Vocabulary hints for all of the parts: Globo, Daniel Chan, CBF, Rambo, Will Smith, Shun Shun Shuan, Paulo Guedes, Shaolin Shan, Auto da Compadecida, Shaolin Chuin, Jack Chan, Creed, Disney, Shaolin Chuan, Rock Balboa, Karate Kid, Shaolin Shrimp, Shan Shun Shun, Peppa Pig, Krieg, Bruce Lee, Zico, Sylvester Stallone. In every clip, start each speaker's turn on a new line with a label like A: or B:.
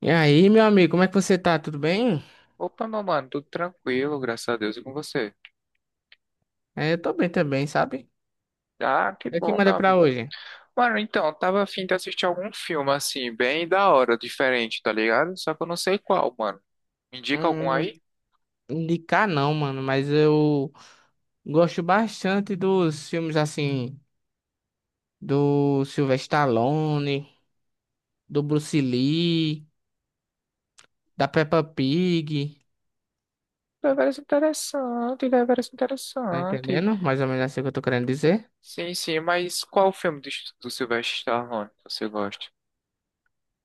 A: E aí, meu amigo, como é que você tá? Tudo bem?
B: Opa, meu mano, tudo tranquilo, graças a Deus e com você.
A: É, eu tô bem também, sabe?
B: Ah, que
A: E o que
B: bom, meu
A: manda pra
B: amigo.
A: hoje?
B: Mano, então, eu tava afim de assistir algum filme assim, bem da hora, diferente, tá ligado? Só que eu não sei qual, mano. Me Indica algum
A: Hum,
B: aí?
A: indicar não, mano, mas eu gosto bastante dos filmes assim, do Sylvester Stallone, do Bruce Lee, da Peppa Pig,
B: Deveras interessante, deveras
A: tá
B: interessante.
A: entendendo? Mais ou menos assim que eu tô querendo dizer.
B: Sim, sim, mas qual o filme do Sylvester Stallone que você gosta?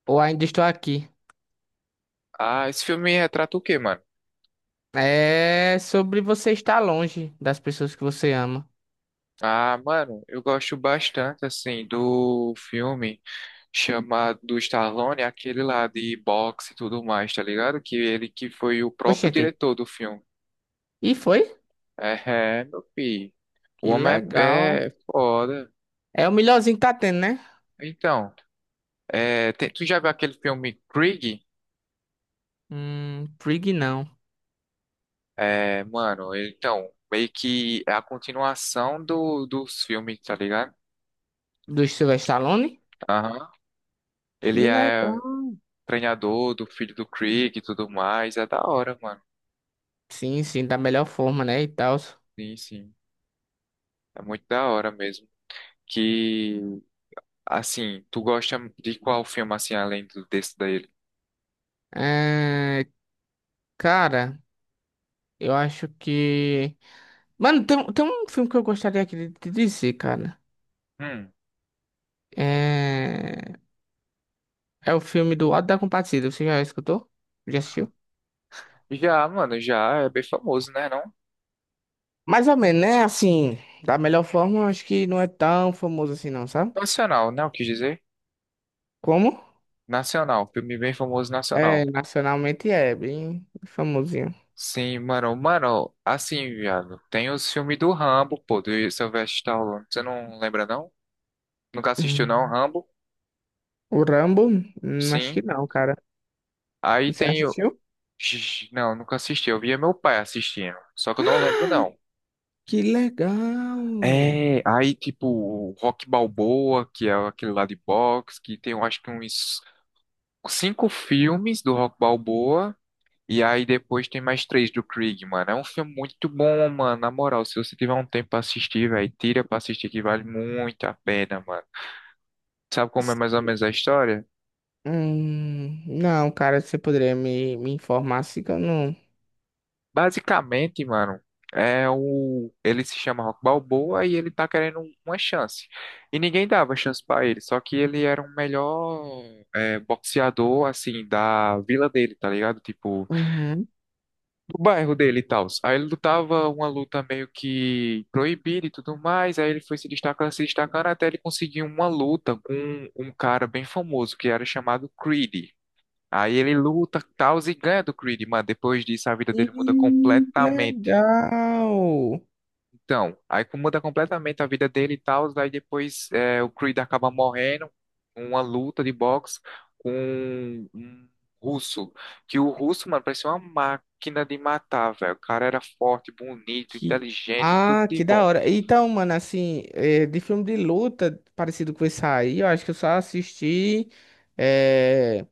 A: Ou ainda estou aqui.
B: Ah, esse filme retrata o quê, mano?
A: É sobre você estar longe das pessoas que você ama.
B: Ah, mano, eu gosto bastante, assim, do filme chamado do Stallone, aquele lá de boxe e tudo mais, tá ligado? Que ele que foi o próprio
A: Oxente,
B: diretor do filme.
A: e foi?
B: É, é, meu filho. O
A: Que
B: homem
A: legal.
B: é foda.
A: É o melhorzinho que tá tendo, né?
B: Então, é, tu já viu aquele filme Krieg?
A: Prig não.
B: É, mano, então, meio que é a continuação dos filmes, tá ligado?
A: Do Sylvester Stallone?
B: Aham.
A: Que
B: Ele
A: legal.
B: é treinador do filho do Krieg e tudo mais. É da hora, mano.
A: Sim, sim, da melhor forma, né? E tal.
B: Sim, sim. É muito da hora mesmo. Que, assim, tu gosta de qual filme, assim, além do, desse daí?
A: É, cara, eu acho que. Mano, tem um filme que eu gostaria aqui de te dizer, cara.
B: Hum,
A: É. É o filme do Auto da Compadecida. Você já escutou? Já assistiu?
B: já, mano, já é bem famoso, né, não?
A: Mais ou menos, né? Assim, da melhor forma, eu acho que não é tão famoso assim, não, sabe?
B: Nacional, né, eu quis dizer?
A: Como?
B: Nacional, filme bem famoso
A: É,
B: nacional.
A: nacionalmente é bem famosinho.
B: Sim, mano, mano, assim, viado, tem os filmes do Rambo, pô, do Sylvester Stallone, você não lembra, não? Nunca assistiu, não,
A: Hum.
B: Rambo?
A: O Rambo? Acho
B: Sim.
A: que não, cara.
B: Aí
A: Você
B: tem o...
A: assistiu?
B: Ixi, não, nunca assisti, eu via meu pai assistindo, só que eu não lembro, não.
A: Que legal!
B: É, aí tipo o Rock Balboa, que é aquele lá de boxe, que tem eu acho que uns cinco filmes do Rock Balboa, e aí depois tem mais três do Krieg, mano. É um filme muito bom, mano, na moral, se você tiver um tempo pra assistir, velho, tira pra assistir que vale muito a pena, mano. Sabe como é mais ou menos a história?
A: Não, cara, você poderia me informar assim que eu não.
B: Basicamente, mano, é o ele se chama Rock Balboa e ele tá querendo uma chance. E ninguém dava chance pra ele, só que ele era o melhor é, boxeador assim da vila dele, tá ligado? Tipo,
A: Uhum.
B: do bairro dele e tal. Aí ele lutava uma luta meio que proibida e tudo mais, aí ele foi se destacando, se destacando até ele conseguir uma luta com um cara bem famoso que era chamado Creed. Aí ele luta, tal, e ganha do Creed, mano. Depois disso, a vida dele muda
A: Ih, que
B: completamente.
A: legal!
B: Então, aí como muda completamente a vida dele e tal, aí depois é, o Creed acaba morrendo uma luta de boxe com um russo. Que o russo, mano, parecia uma máquina de matar, velho. O cara era forte, bonito,
A: Que...
B: inteligente, tudo
A: Ah,
B: de
A: que da
B: bom.
A: hora. Então, mano, assim, de filme de luta, parecido com esse aí, eu acho que eu só assisti. É,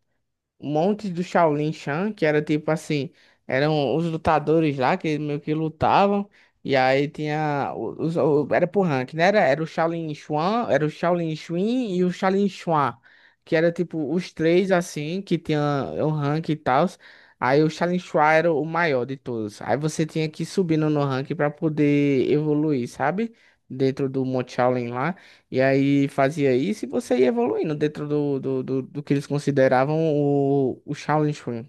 A: um monte do Shaolin Shan, que era tipo assim, eram os lutadores lá que meio que lutavam, e aí era por rank, né? Era o Shaolin Chuan, era o Shaolin Chuin e o Shaolin Chuan, que era tipo os três assim, que tinha o rank e tal. Aí o Shaolin Chuan era o maior de todos. Aí você tinha que ir subindo no rank pra poder evoluir, sabe? Dentro do Monte Shaolin lá. E aí fazia isso e você ia evoluindo dentro do que eles consideravam o Shaolin Shrimp,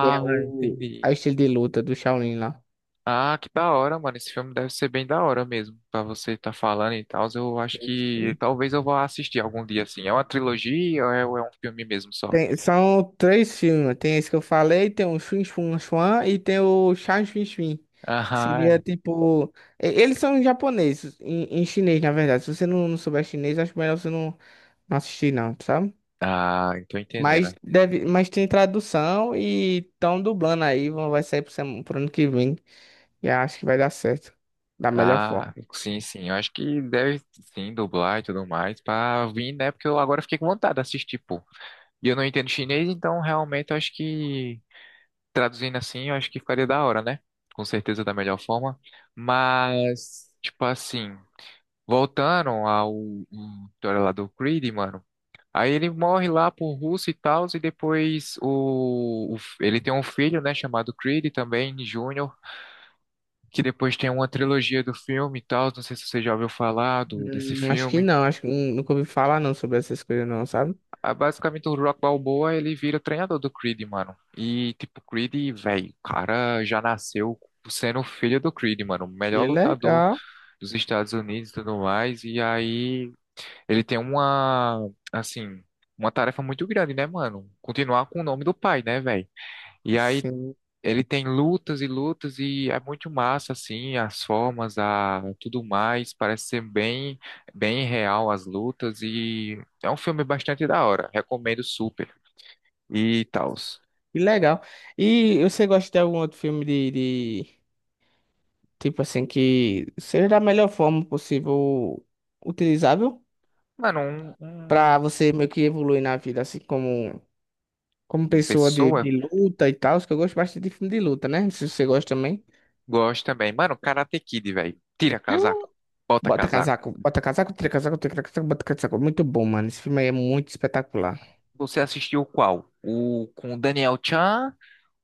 A: que é o a
B: entendi.
A: estilo de luta do Shaolin lá.
B: Ah, que da hora, mano. Esse filme deve ser bem da hora mesmo, pra você estar falando e tal. Eu acho
A: Sim,
B: que
A: sim.
B: talvez eu vá assistir algum dia, assim. É uma trilogia ou é um filme mesmo só?
A: Tem, são três filmes, tem esse que eu falei, tem o Shun Shun Shuan e tem o Shan Shun Shun, que
B: Ah,
A: seria tipo... Eles são japoneses, em chinês na verdade, se você não souber chinês, acho melhor você não assistir não, sabe?
B: ah, tô
A: Mas,
B: entendendo.
A: deve, mas tem tradução e estão dublando aí, vai sair pro, pro ano que vem. E acho que vai dar certo. Da melhor
B: Ah,
A: forma.
B: sim, sim. Eu acho que deve sim dublar e tudo mais pra vir, né? Porque eu agora fiquei com vontade de assistir, pô. E eu não entendo chinês, então realmente eu acho que traduzindo assim, eu acho que ficaria da hora, né? Com certeza da melhor forma. Mas, tipo assim, voltando ao à história lá do Creed, mano. Aí ele morre lá pro russo e tal, e depois ele tem um filho, né, chamado Creed também, Júnior que depois tem uma trilogia do filme e tal, não sei se você já ouviu falar desse
A: Acho que
B: filme.
A: não, acho que nunca ouvi falar não sobre essas coisas não, sabe?
B: Ah, basicamente o Rock Balboa, ele vira treinador do Creed, mano. E tipo, Creed, velho, o cara já nasceu sendo filho do Creed, mano, o melhor
A: Que
B: lutador
A: legal.
B: dos Estados Unidos e tudo mais. E aí ele tem uma, assim, uma tarefa muito grande, né, mano? Continuar com o nome do pai, né, velho? E aí
A: Sim,
B: Ele tem lutas e lutas e é muito massa, assim, as formas, a tudo mais, parece ser bem, bem real as lutas e é um filme bastante da hora, recomendo super e tals.
A: que legal. E você gosta de algum outro filme de tipo assim, que seja da melhor forma possível utilizável
B: Mano,
A: pra
B: um-
A: você meio que evoluir na vida, assim, como, como
B: uma
A: pessoa
B: pessoa
A: de luta e tal, que eu gosto bastante de filme de luta, né? Se você gosta também.
B: gosta também. Mano, Karate Kid, velho, tira casaco, bota casaco.
A: Bota casaco, tira casaco, tira casaco, bota casaco. Muito bom, mano. Esse filme aí é muito espetacular.
B: Você assistiu qual? O com o Daniel Chan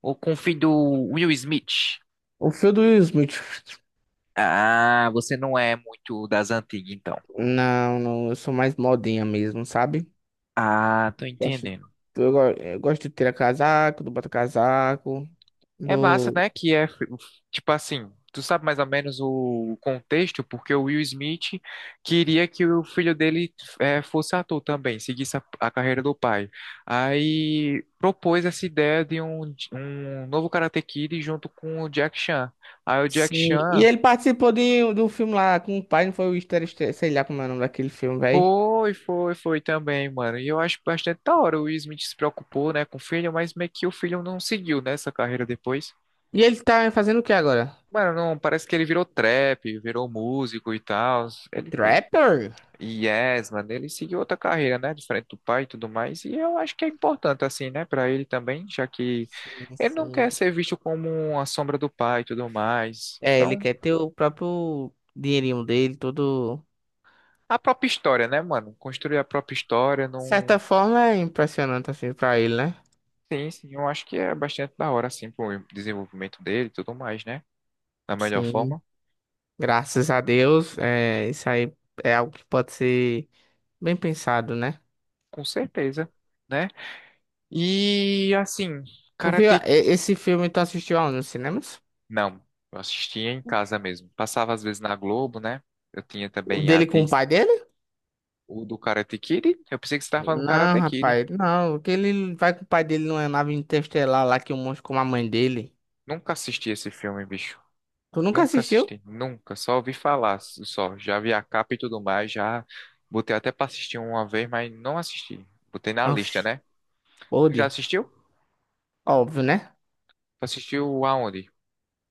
B: ou com o filho do Will Smith?
A: O filme do Will Smith.
B: Ah, você não é muito das antigas, então.
A: Não, não, eu sou mais modinha mesmo, sabe?
B: Ah, tô
A: Gosto,
B: entendendo.
A: eu gosto de tirar casaco, do bota casaco,
B: É massa,
A: do.
B: né? Que é, tipo assim, tu sabe mais ou menos o contexto, porque o Will Smith queria que o filho dele fosse ator também, seguisse a carreira do pai. Aí propôs essa ideia de um novo Karate Kid junto com o Jack Chan. Aí o Jack
A: Sim, e
B: Chan
A: ele participou do filme lá com o pai, não foi o Easter, sei lá como é o nome daquele filme, velho.
B: foi, foi também, mano. E eu acho bastante da hora. O Will Smith se preocupou, né, com o filho, mas meio que o filho não seguiu, nessa carreira depois.
A: E ele tá fazendo o que agora?
B: Mano, não, parece que ele virou trap, virou músico e tal. Ele,
A: Trapper?
B: yes, mano, ele seguiu outra carreira, né? Diferente do pai e tudo mais. E eu acho que é importante, assim, né, pra ele também, já que
A: Sim,
B: ele não quer
A: sim.
B: ser visto como a sombra do pai e tudo mais.
A: É, ele
B: Então,
A: quer ter o próprio dinheirinho dele, todo.
B: a própria história, né, mano? Construir a própria história
A: De certa
B: não.
A: forma é impressionante assim pra ele, né?
B: Sim, sim, eu acho que é bastante da hora, assim, pro desenvolvimento dele e tudo mais, né? Da melhor
A: Sim.
B: forma,
A: Graças a Deus, é, isso aí é algo que pode ser bem pensado, né?
B: com certeza, né? E, assim,
A: Tu
B: cara,
A: viu esse filme, tu assistiu aonde, nos cinemas?
B: não, eu assistia em casa mesmo. Passava às vezes na Globo, né? Eu tinha
A: O
B: também a
A: dele com o
B: Disney.
A: pai dele?
B: O do Karate Kid? Eu pensei que você estava falando do
A: Não,
B: Karate Kid.
A: rapaz, não. O que ele vai com o pai dele numa nave interestelar lá que o monstro com a mãe dele.
B: Nunca assisti esse filme, bicho.
A: Tu nunca
B: Nunca
A: assistiu?
B: assisti, nunca. Só ouvi falar, só. Já vi a capa e tudo mais. Já botei até pra assistir uma vez, mas não assisti. Botei na lista,
A: Oxi,
B: né? Tu já
A: pode.
B: assistiu?
A: Óbvio, né?
B: Tu assistiu aonde?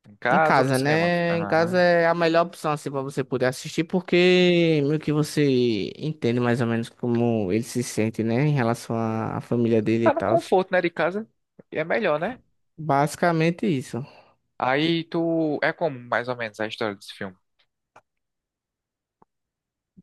B: Em
A: Em
B: casa ou no
A: casa,
B: cinema?
A: né? Em casa
B: Aham.
A: é a melhor opção, assim, pra você poder assistir, porque meio que você entende mais ou menos como ele se sente, né? Em relação à família dele e
B: Tá no
A: tal.
B: conforto, né? De casa. É melhor, né?
A: Basicamente isso.
B: Aí tu. É como mais ou menos a história desse filme?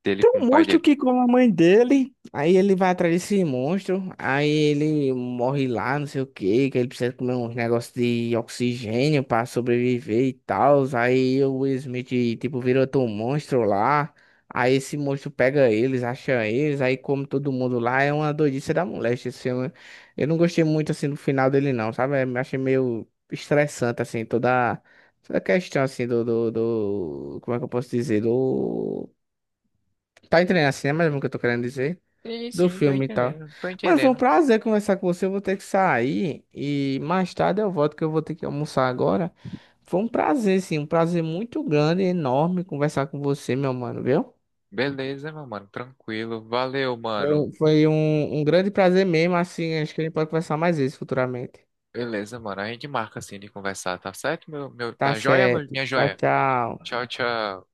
B: Dele
A: Tem
B: com o
A: um
B: pai
A: monstro
B: dele.
A: que come a mãe dele. Aí ele vai atrás desse monstro. Aí ele morre lá, não sei o que que ele precisa comer uns negócios de oxigênio pra sobreviver e tal. Aí o Will Smith, tipo, vira outro monstro lá. Aí esse monstro pega eles, acha eles. Aí come todo mundo lá. É uma doidice da moléstia esse filme. Eu não gostei muito, assim, do final dele, não, sabe? Eu achei meio estressante, assim, toda... Toda a questão, assim, como é que eu posso dizer? Do... Tá entendendo assim, né? Mais ou menos o que eu tô querendo dizer.
B: Sim,
A: Do
B: sim, tô
A: filme e tal.
B: entendendo, tô
A: Mano, foi um
B: entendendo.
A: prazer conversar com você. Eu vou ter que sair. E mais tarde eu volto, que eu vou ter que almoçar agora. Foi um prazer, sim. Um prazer muito grande, enorme conversar com você, meu mano, viu?
B: Beleza, meu mano, tranquilo. Valeu, mano.
A: Um grande prazer mesmo. Assim, acho que a gente pode conversar mais vezes futuramente.
B: Beleza, mano. A gente marca assim de conversar, tá certo?
A: Tá
B: Tá joia,
A: certo.
B: minha
A: Tchau,
B: joia?
A: tchau.
B: Tchau, tchau.